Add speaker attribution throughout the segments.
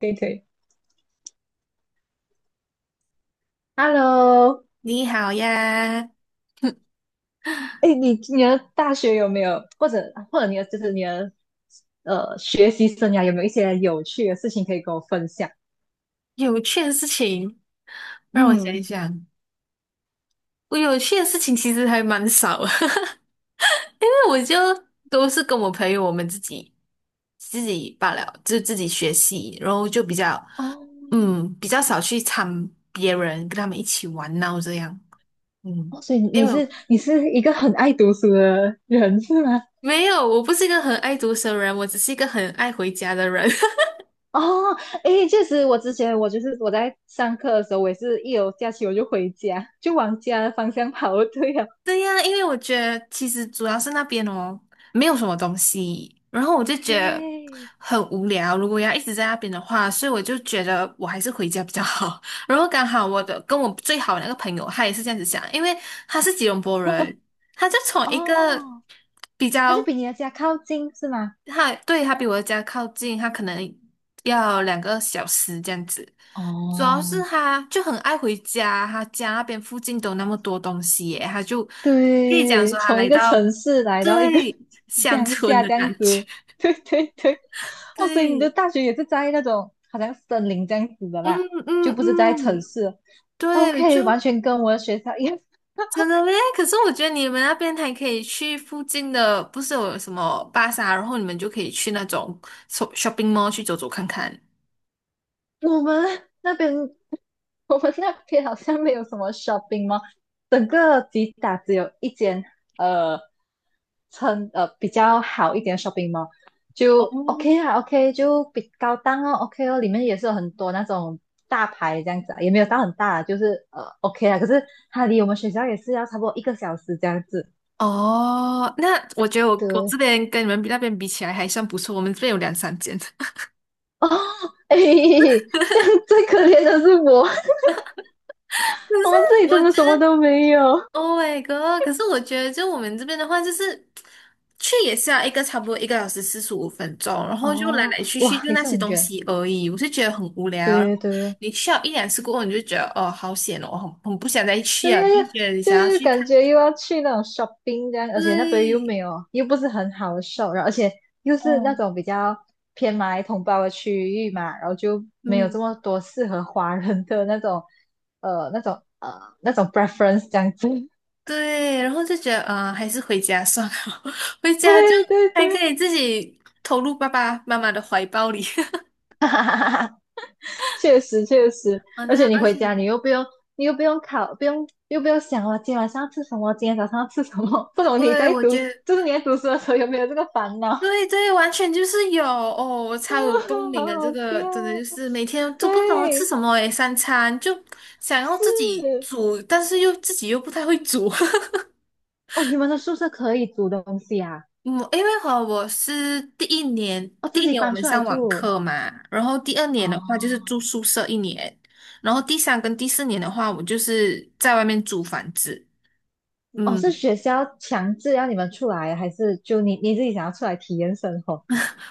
Speaker 1: 可以可以，Hello。
Speaker 2: 你好呀，
Speaker 1: 哎，你的大学有没有，或者你的学习生涯有没有一些有趣的事情可以跟我分享？
Speaker 2: 有趣的事情让我想一
Speaker 1: 嗯。
Speaker 2: 想。我有趣的事情其实还蛮少的，因为我就都是跟我朋友我们自己罢了，就自己学习，然后就比较
Speaker 1: 哦。
Speaker 2: 嗯比较少去参别人跟他们一起玩闹这样。嗯，
Speaker 1: 哦，所以
Speaker 2: 因
Speaker 1: 你
Speaker 2: 为我
Speaker 1: 是你是一个很爱读书的人是吗？
Speaker 2: 没有，我不是一个很爱读书的人，我只是一个很爱回家的人。
Speaker 1: 哦。哎，确实，我之前我就是我在上课的时候，我也是一有假期我就回家，就往家的方向跑，对呀。
Speaker 2: 对呀，因为我觉得其实主要是那边哦，没有什么东西，然后我就觉得
Speaker 1: 对。
Speaker 2: 很无聊。如果要一直在那边的话，所以我就觉得我还是回家比较好。然后刚好我最好的那个朋友，他也是这样子想，因为他是吉隆坡人，他就从一个
Speaker 1: 哦，
Speaker 2: 比
Speaker 1: 他就
Speaker 2: 较
Speaker 1: 比你的家靠近是吗？
Speaker 2: 他对他比我的家靠近，他可能要2个小时这样子。主要是
Speaker 1: 哦，
Speaker 2: 他就很爱回家，他家那边附近都那么多东西耶，他就可以讲
Speaker 1: 对，
Speaker 2: 说他
Speaker 1: 从
Speaker 2: 来
Speaker 1: 一个城
Speaker 2: 到
Speaker 1: 市来到一个
Speaker 2: 对 乡
Speaker 1: 乡
Speaker 2: 村
Speaker 1: 下
Speaker 2: 的
Speaker 1: 这样
Speaker 2: 感觉。
Speaker 1: 子，对对对。哦，所以你的
Speaker 2: 对，
Speaker 1: 大学也是在那种好像森林这样子的
Speaker 2: 嗯
Speaker 1: 啦，就
Speaker 2: 嗯
Speaker 1: 不是在城
Speaker 2: 嗯，
Speaker 1: 市。
Speaker 2: 对，
Speaker 1: OK，
Speaker 2: 就
Speaker 1: 完全跟我的学校一样，
Speaker 2: 真的嘞。可是我觉得你们那边还可以去附近的，不是有什么巴萨，然后你们就可以去那种 shopping mall 去走走看看。
Speaker 1: 我们那边，我们那边好像没有什么 shopping mall，整个吉打只有一间，呃，比较好一点的 shopping mall，就 OK 啊，OK 就比高档哦，OK 哦，里面也是有很多那种大牌这样子啊，也没有到很大啊，就是OK 啊，可是它离我们学校也是要差不多一个小时这样子。
Speaker 2: 哦，那我觉得我这
Speaker 1: 对。
Speaker 2: 边跟你们那边比起来还算不错，我们这边有两三间。可
Speaker 1: 哦。哎，这样最可怜的是我，我们这里
Speaker 2: 是我
Speaker 1: 真
Speaker 2: 觉
Speaker 1: 的什
Speaker 2: 得
Speaker 1: 么都没有。
Speaker 2: ，Oh my god！可是我觉得，就我们这边的话，就是去也是要差不多1个小时45分钟，然后就来
Speaker 1: 哦，
Speaker 2: 来去去
Speaker 1: 哇，
Speaker 2: 就
Speaker 1: 也
Speaker 2: 那
Speaker 1: 是
Speaker 2: 些
Speaker 1: 很
Speaker 2: 东
Speaker 1: 远。
Speaker 2: 西而已，我是觉得很无聊。然
Speaker 1: 对对
Speaker 2: 后
Speaker 1: 对。
Speaker 2: 你去了一两次过后，你就觉得哦，好险哦，很不想再去
Speaker 1: 对
Speaker 2: 啊，
Speaker 1: 呀，
Speaker 2: 就觉得你
Speaker 1: 就
Speaker 2: 想要
Speaker 1: 是
Speaker 2: 去
Speaker 1: 感
Speaker 2: 看，
Speaker 1: 觉又要去那种 shopping 这样，而且那边又没
Speaker 2: 对。
Speaker 1: 有，又不是很好的 shop，然后而且又是那种比较偏马来同胞的区域嘛，然后就没有
Speaker 2: 嗯。
Speaker 1: 这么多适合华人的那种，呃，那种那种 preference 这样子。
Speaker 2: 对，然后就觉得，还是回家算了，回家就
Speaker 1: 对对
Speaker 2: 还可
Speaker 1: 对。
Speaker 2: 以自己投入爸爸妈妈的怀抱里。
Speaker 1: 确实确实。
Speaker 2: 啊，
Speaker 1: 而
Speaker 2: 那
Speaker 1: 且你
Speaker 2: 而
Speaker 1: 回
Speaker 2: 且，
Speaker 1: 家 你又不用考，不用想我今天晚上要吃什么，今天早上要吃什么，不懂你
Speaker 2: 对，
Speaker 1: 在
Speaker 2: 我
Speaker 1: 读，
Speaker 2: 觉得，
Speaker 1: 就是你在读书的时候有没有这个烦恼？啊。
Speaker 2: 对对，完全就是有哦，我 超有动
Speaker 1: 好
Speaker 2: 力的这
Speaker 1: 好
Speaker 2: 个，真的就
Speaker 1: 笑。
Speaker 2: 是每天都不懂要吃
Speaker 1: 对。
Speaker 2: 什么诶，三餐就想要自己
Speaker 1: 是
Speaker 2: 煮，但是自己又不太会煮。
Speaker 1: 哦，你们的宿舍可以煮东西啊？
Speaker 2: 嗯，因为和我是第一年，
Speaker 1: 哦，
Speaker 2: 第
Speaker 1: 自
Speaker 2: 一
Speaker 1: 己
Speaker 2: 年我
Speaker 1: 搬
Speaker 2: 们
Speaker 1: 出来
Speaker 2: 上网
Speaker 1: 住。
Speaker 2: 课嘛，然后第二年的话就是
Speaker 1: 哦
Speaker 2: 住宿舍一年，然后第三跟第四年的话，我就是在外面租房子。
Speaker 1: 哦，
Speaker 2: 嗯，
Speaker 1: 是学校强制要你们出来，还是就你自己想要出来体验生活？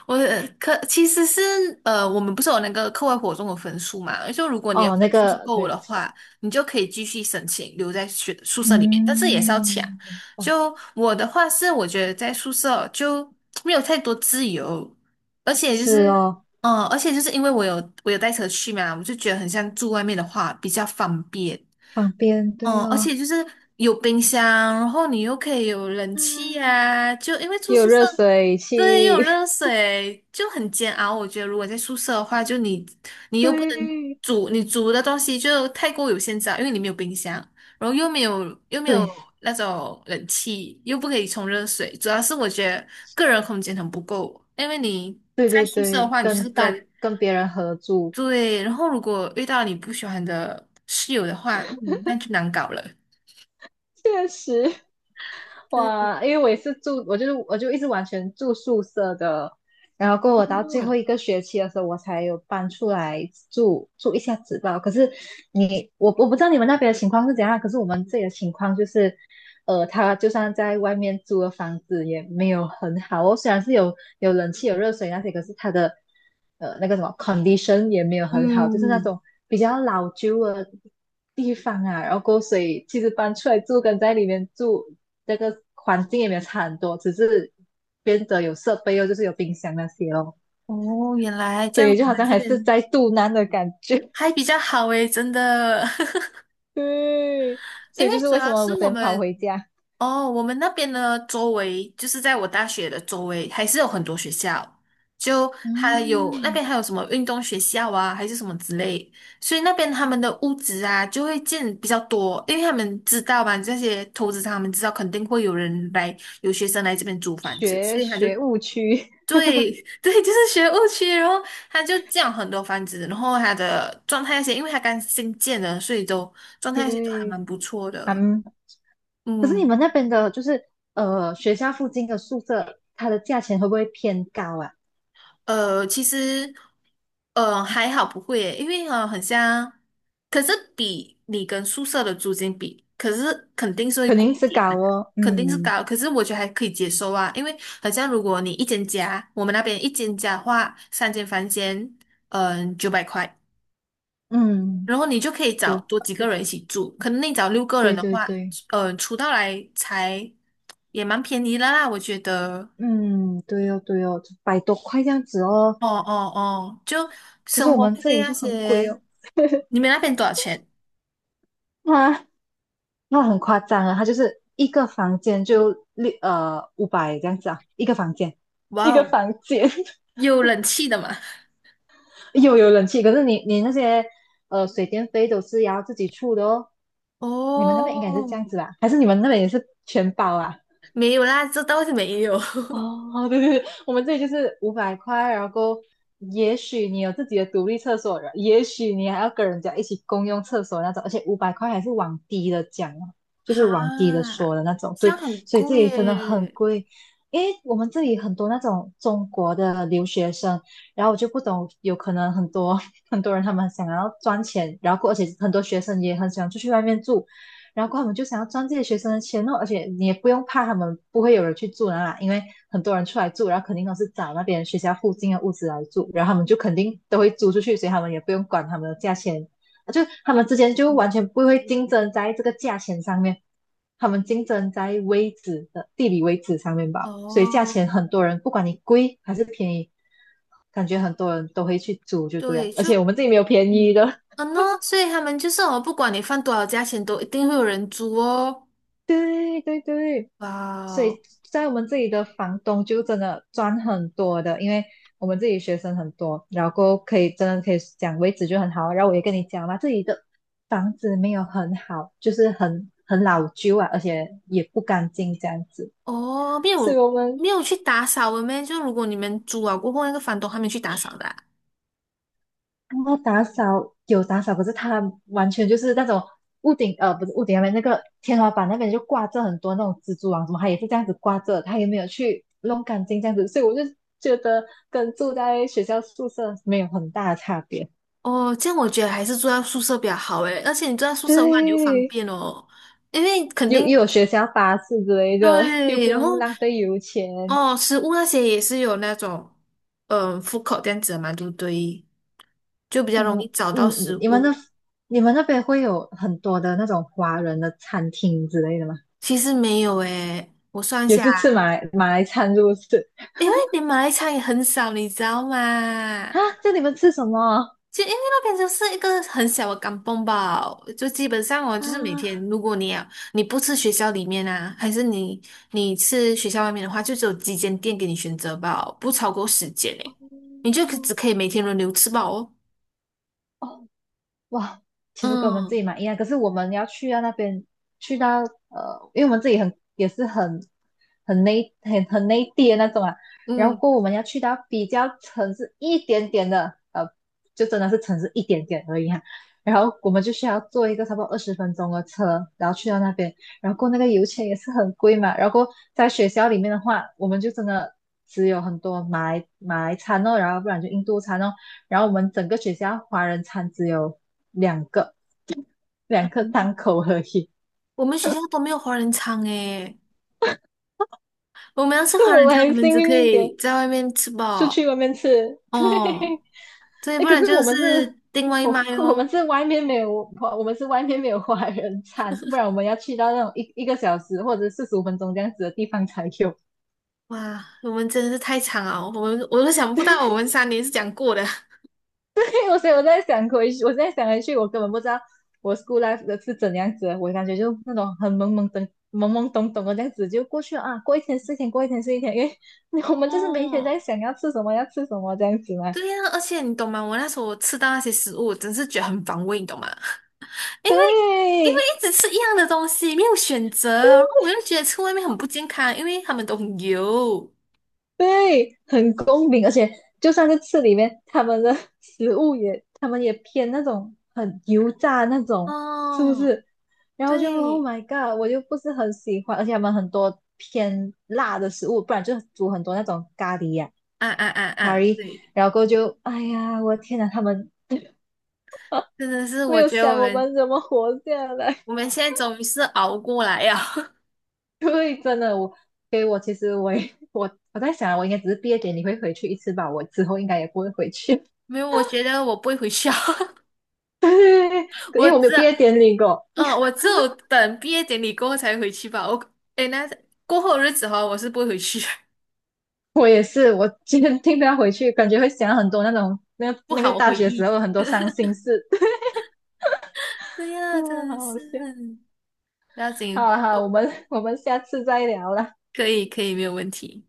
Speaker 2: 我可其实是我们不是有那个课外活动的分数嘛？就如果你的
Speaker 1: 哦，那
Speaker 2: 分数是
Speaker 1: 个
Speaker 2: 够
Speaker 1: 对，
Speaker 2: 的
Speaker 1: 知道。
Speaker 2: 话，你就可以继续申请留在学宿舍里面，但是
Speaker 1: 嗯。
Speaker 2: 也是要抢。
Speaker 1: 明白。
Speaker 2: 就我的话是，我觉得在宿舍哦就没有太多自由，而且就是，
Speaker 1: 是哦。
Speaker 2: 因为我有带车去嘛，我就觉得很像住外面的话比较方便。
Speaker 1: 旁边，对
Speaker 2: 哦，而
Speaker 1: 哦。
Speaker 2: 且就是有冰箱，然后你又可以有冷气
Speaker 1: 嗯，
Speaker 2: 啊，就因为住
Speaker 1: 有
Speaker 2: 宿舍，
Speaker 1: 热水器。
Speaker 2: 对，又有 热水，就很煎熬。我觉得如果在宿舍的话，就你又不能
Speaker 1: 对
Speaker 2: 煮，你煮的东西就太过有限制啊，因为你没有冰箱，然后又没有
Speaker 1: 对
Speaker 2: 那种冷气，又不可以冲热水。主要是我觉得个人空间很不够，因为你
Speaker 1: 对
Speaker 2: 在
Speaker 1: 对
Speaker 2: 宿舍的
Speaker 1: 对。
Speaker 2: 话，你就是
Speaker 1: 跟
Speaker 2: 跟
Speaker 1: 大跟别人合住。
Speaker 2: 对，然后如果遇到你不喜欢的室友的话，嗯，那就难搞了。
Speaker 1: 确实。哇，因为我也是住，我就是我就一直完全住宿舍的，然后过我到最后
Speaker 2: 嗯
Speaker 1: 一个学期的时候，我才有搬出来住住一下子吧。可是我不知道你们那边的情况是怎样啊，可是我们这里的情况就是，他就算在外面租的房子也没有很好哦，虽然是有冷气、有热水那些，可是他的那个什么 condition 也没有很好，就是那
Speaker 2: 嗯，
Speaker 1: 种比较老旧的地方啊。然后过后所以其实搬出来住跟在里面住那个环境也没有差很多，只是变的有设备哦，就是有冰箱那些哦，
Speaker 2: 哦，原来这
Speaker 1: 所
Speaker 2: 样，
Speaker 1: 以就
Speaker 2: 我
Speaker 1: 好
Speaker 2: 们
Speaker 1: 像
Speaker 2: 这
Speaker 1: 还是
Speaker 2: 边
Speaker 1: 在肚腩的感觉。
Speaker 2: 还比较好诶，真的。
Speaker 1: 对。所
Speaker 2: 因
Speaker 1: 以
Speaker 2: 为
Speaker 1: 就是
Speaker 2: 主
Speaker 1: 为什
Speaker 2: 要
Speaker 1: 么我
Speaker 2: 是
Speaker 1: 们只
Speaker 2: 我
Speaker 1: 能跑
Speaker 2: 们
Speaker 1: 回家。
Speaker 2: 哦，我们那边呢，周围就是在我大学的周围，还是有很多学校，就还有那
Speaker 1: 嗯。
Speaker 2: 边还有什么运动学校啊，还是什么之类，所以那边他们的屋子啊就会建比较多，因为他们知道嘛，这些投资商他们知道肯定会有人来，有学生来这边租房子，所
Speaker 1: 学
Speaker 2: 以他就
Speaker 1: 学务区。
Speaker 2: 对。 对，就是学务区，然后他就降很多房子，然后他的状态那些，因为他刚新建的，所以状 态那些都还
Speaker 1: 对。
Speaker 2: 蛮不错的。
Speaker 1: 嗯。可是你
Speaker 2: 嗯，
Speaker 1: 们那边的，就是学校附近的宿舍，它的价钱会不会偏高啊？
Speaker 2: 其实还好不会耶，因为很像，可是比你跟宿舍的租金比，可是肯定是会
Speaker 1: 肯
Speaker 2: 贵
Speaker 1: 定
Speaker 2: 一
Speaker 1: 是
Speaker 2: 点的，
Speaker 1: 高哦。
Speaker 2: 肯定是
Speaker 1: 嗯
Speaker 2: 高，可是我觉得还可以接受啊，因为好像如果你一间家，我们那边一间家的话，三间房间，900块。
Speaker 1: 嗯。
Speaker 2: 然后你就可以
Speaker 1: 就
Speaker 2: 找多
Speaker 1: 百
Speaker 2: 几
Speaker 1: 不
Speaker 2: 个人一
Speaker 1: 错。
Speaker 2: 起住，可能你找六个人
Speaker 1: 对
Speaker 2: 的
Speaker 1: 对
Speaker 2: 话，
Speaker 1: 对。
Speaker 2: 出到来才也蛮便宜的啦，我觉得。
Speaker 1: 嗯。对哦对哦。百多块这样子哦，
Speaker 2: 哦哦哦，就
Speaker 1: 可是
Speaker 2: 生
Speaker 1: 我
Speaker 2: 活
Speaker 1: 们
Speaker 2: 费
Speaker 1: 这里
Speaker 2: 那
Speaker 1: 就很贵
Speaker 2: 些，
Speaker 1: 哦。
Speaker 2: 你们那边多少钱？
Speaker 1: 啊。那很夸张啊，它就是一个房间就五百这样子啊，一个房间，一
Speaker 2: 哇
Speaker 1: 个
Speaker 2: 哦，
Speaker 1: 房间
Speaker 2: 有冷气的嘛？
Speaker 1: 有冷气，可是你那些水电费都是要自己出的哦。你们那边应该是这
Speaker 2: 哦，
Speaker 1: 样子吧？还是你们那边也是全包啊？
Speaker 2: 没有啦，这倒是没有。
Speaker 1: 哦，对对对，我们这里就是五百块，然后也许你有自己的独立厕所，也许你还要跟人家一起共用厕所那种，而且五百块还是往低的讲哦，就是往低的
Speaker 2: 哈，
Speaker 1: 说的那种。
Speaker 2: 这
Speaker 1: 对。
Speaker 2: 样很
Speaker 1: 所以这
Speaker 2: 贵
Speaker 1: 里真的很
Speaker 2: 耶。
Speaker 1: 贵，因为我们这里很多那种中国的留学生，然后我就不懂，有可能很多 很多人他们想要赚钱，然后而且很多学生也很喜欢出去外面住，然后他们就想要赚这些学生的钱哦，而且你也不用怕他们不会有人去住那啦，因为很多人出来住，然后肯定都是找那边学校附近的屋子来住，然后他们就肯定都会租出去，所以他们也不用管他们的价钱，就他们之间就完
Speaker 2: 嗯，
Speaker 1: 全不会竞争在这个价钱上面，他们竞争在位置的地理位置上面吧，所以价
Speaker 2: 哦，
Speaker 1: 钱很多人不管你贵还是便宜，感觉很多人都会去租就这样，
Speaker 2: 对，
Speaker 1: 而
Speaker 2: 就
Speaker 1: 且我们这里没有便
Speaker 2: 嗯，
Speaker 1: 宜的。
Speaker 2: 嗯呢，所以他们就是哦，不管你放多少价钱，都一定会有人租哦。
Speaker 1: 对对对。
Speaker 2: 哇
Speaker 1: 所
Speaker 2: 哦，
Speaker 1: 以在我们这里的房东就真的赚很多的，因为我们这里学生很多，然后可以真的可以讲位置就很好。然后我也跟你讲嘛，这里的房子没有很好，就是很老旧啊，而且也不干净这样子。
Speaker 2: 哦，没
Speaker 1: 所以
Speaker 2: 有，
Speaker 1: 我们
Speaker 2: 没有去打扫了咩？就如果你们租啊过后，那个房东还没去打扫的啊？
Speaker 1: 那后打扫有打扫，可是它完全就是那种屋顶，不是屋顶那边那个天花板那边就挂着很多那种蜘蛛网什么，它也是这样子挂着，它也没有去弄干净这样子，所以我就觉得跟住在学校宿舍没有很大的差别。
Speaker 2: 哦，这样我觉得还是住在宿舍比较好诶，而且你住在 宿舍的话，你就方
Speaker 1: 对。
Speaker 2: 便哦，因为肯
Speaker 1: 又
Speaker 2: 定
Speaker 1: 又有学校巴士之类的，又
Speaker 2: 对，
Speaker 1: 不
Speaker 2: 然
Speaker 1: 用
Speaker 2: 后
Speaker 1: 浪费油钱。
Speaker 2: 哦，食物那些也是有那种口 o o d c o 这样子的嘛，对不对？就比较容易找
Speaker 1: 你
Speaker 2: 到食
Speaker 1: 你们那
Speaker 2: 物。
Speaker 1: 你们那边会有很多的那种华人的餐厅之类的吗？
Speaker 2: 其实没有诶，我算一
Speaker 1: 也
Speaker 2: 下
Speaker 1: 是吃
Speaker 2: 啊。
Speaker 1: 马来餐，是不是？
Speaker 2: 因为你马来餐也很少，你知道吗？
Speaker 1: 啊，这你们吃什么？
Speaker 2: 就因为那边就是一个很小的港崩吧，就基本上哦，就是每
Speaker 1: 啊。
Speaker 2: 天，如果你不吃学校里面啊，还是你吃学校外面的话，就只有几间店给你选择吧，不超过10间诶，你就只
Speaker 1: 嗯。
Speaker 2: 可以每天轮流吃饱哦。
Speaker 1: 哦。哇，其实跟我们自
Speaker 2: 嗯
Speaker 1: 己蛮一样，可是我们要去到那边，去到因为我们自己也是很内地的那种啊，然后
Speaker 2: 嗯，
Speaker 1: 过后我们要去到比较城市一点点的，就真的是城市一点点而已啊。然后我们就需要坐一个差不多20分钟的车，然后去到那边，然后过后那个油钱也是很贵嘛。然后过后在学校里面的话，我们就真的只有很多马来餐哦，然后不然就印度餐哦。然后我们整个学校华人餐只有两个两个档口而已，
Speaker 2: 我们学校都没有华人餐诶，我们要吃
Speaker 1: 就
Speaker 2: 华
Speaker 1: 我
Speaker 2: 人
Speaker 1: 们
Speaker 2: 餐，我
Speaker 1: 还
Speaker 2: 们
Speaker 1: 幸
Speaker 2: 只可
Speaker 1: 运一点，
Speaker 2: 以在外面吃
Speaker 1: 出
Speaker 2: 饱
Speaker 1: 去外面吃。对。
Speaker 2: 哦，对，
Speaker 1: 哎，
Speaker 2: 不
Speaker 1: 可
Speaker 2: 然
Speaker 1: 是
Speaker 2: 就
Speaker 1: 我们
Speaker 2: 是
Speaker 1: 是，
Speaker 2: 订外
Speaker 1: 我
Speaker 2: 卖
Speaker 1: 我们
Speaker 2: 哦。
Speaker 1: 是外面没有华人餐，不然我们要去到那种一个小时或者45分钟这样子的地方才有。
Speaker 2: 哇，我们真的是太惨了，我都想不到我们3年是怎样过的。
Speaker 1: 所以我在想回去，我现在想回去，我根本不知道我 school life 的是怎样子我感觉就那种很懵懵懂懂的这样子就过去了啊，过一天是一天，过一天是一天，因为我们就是每一天在
Speaker 2: 哦，
Speaker 1: 想要吃什么，要吃什么这样子嘛。
Speaker 2: 对呀，而且你懂吗？我那时候吃到那些食物，我真是觉得很反胃，你懂吗？因为
Speaker 1: 对。
Speaker 2: 一直吃一样的东西，没有选择，然后我又觉得吃外面很不健康，因为他们都很油。
Speaker 1: 对。很公平，而且就算是吃里面，他们的 食物也，他们也偏那种很油炸那种，是不
Speaker 2: 哦，
Speaker 1: 是？然后就 Oh
Speaker 2: 对，
Speaker 1: my God，我就不是很喜欢，而且他们很多偏辣的食物，不然就煮很多那种咖喱呀、
Speaker 2: 啊啊啊
Speaker 1: 咖
Speaker 2: 啊，
Speaker 1: 喱，
Speaker 2: 对，
Speaker 1: 然后过后就哎呀，我的天呐，他们
Speaker 2: 真的是，
Speaker 1: 没
Speaker 2: 我
Speaker 1: 有
Speaker 2: 觉得我
Speaker 1: 想我
Speaker 2: 们
Speaker 1: 们怎么活下来。
Speaker 2: 现在终于是熬过来呀。
Speaker 1: 对，真的，我其实我也我我在想，我应该只是毕业典礼会回去一次吧，我之后应该也不会回去。
Speaker 2: 没有，我觉得我不会回去啊。
Speaker 1: 对对对 对，因
Speaker 2: 我
Speaker 1: 为我没
Speaker 2: 只，
Speaker 1: 有毕业典礼过，
Speaker 2: 嗯、我只有等毕业典礼过后才回去吧。我，诶，那过后的日子哈，我是不会回去。
Speaker 1: 我也是，我今天听到回去，感觉会想很多那种那个
Speaker 2: 不
Speaker 1: 那个
Speaker 2: 好，我
Speaker 1: 大
Speaker 2: 回
Speaker 1: 学时
Speaker 2: 忆。
Speaker 1: 候很多伤心事，
Speaker 2: 对呀，
Speaker 1: 啊。
Speaker 2: 真的
Speaker 1: 好好
Speaker 2: 是
Speaker 1: 笑。
Speaker 2: 不要
Speaker 1: 好
Speaker 2: 紧，
Speaker 1: 啊好啊我们下次再聊了。
Speaker 2: 可以可以，没有问题。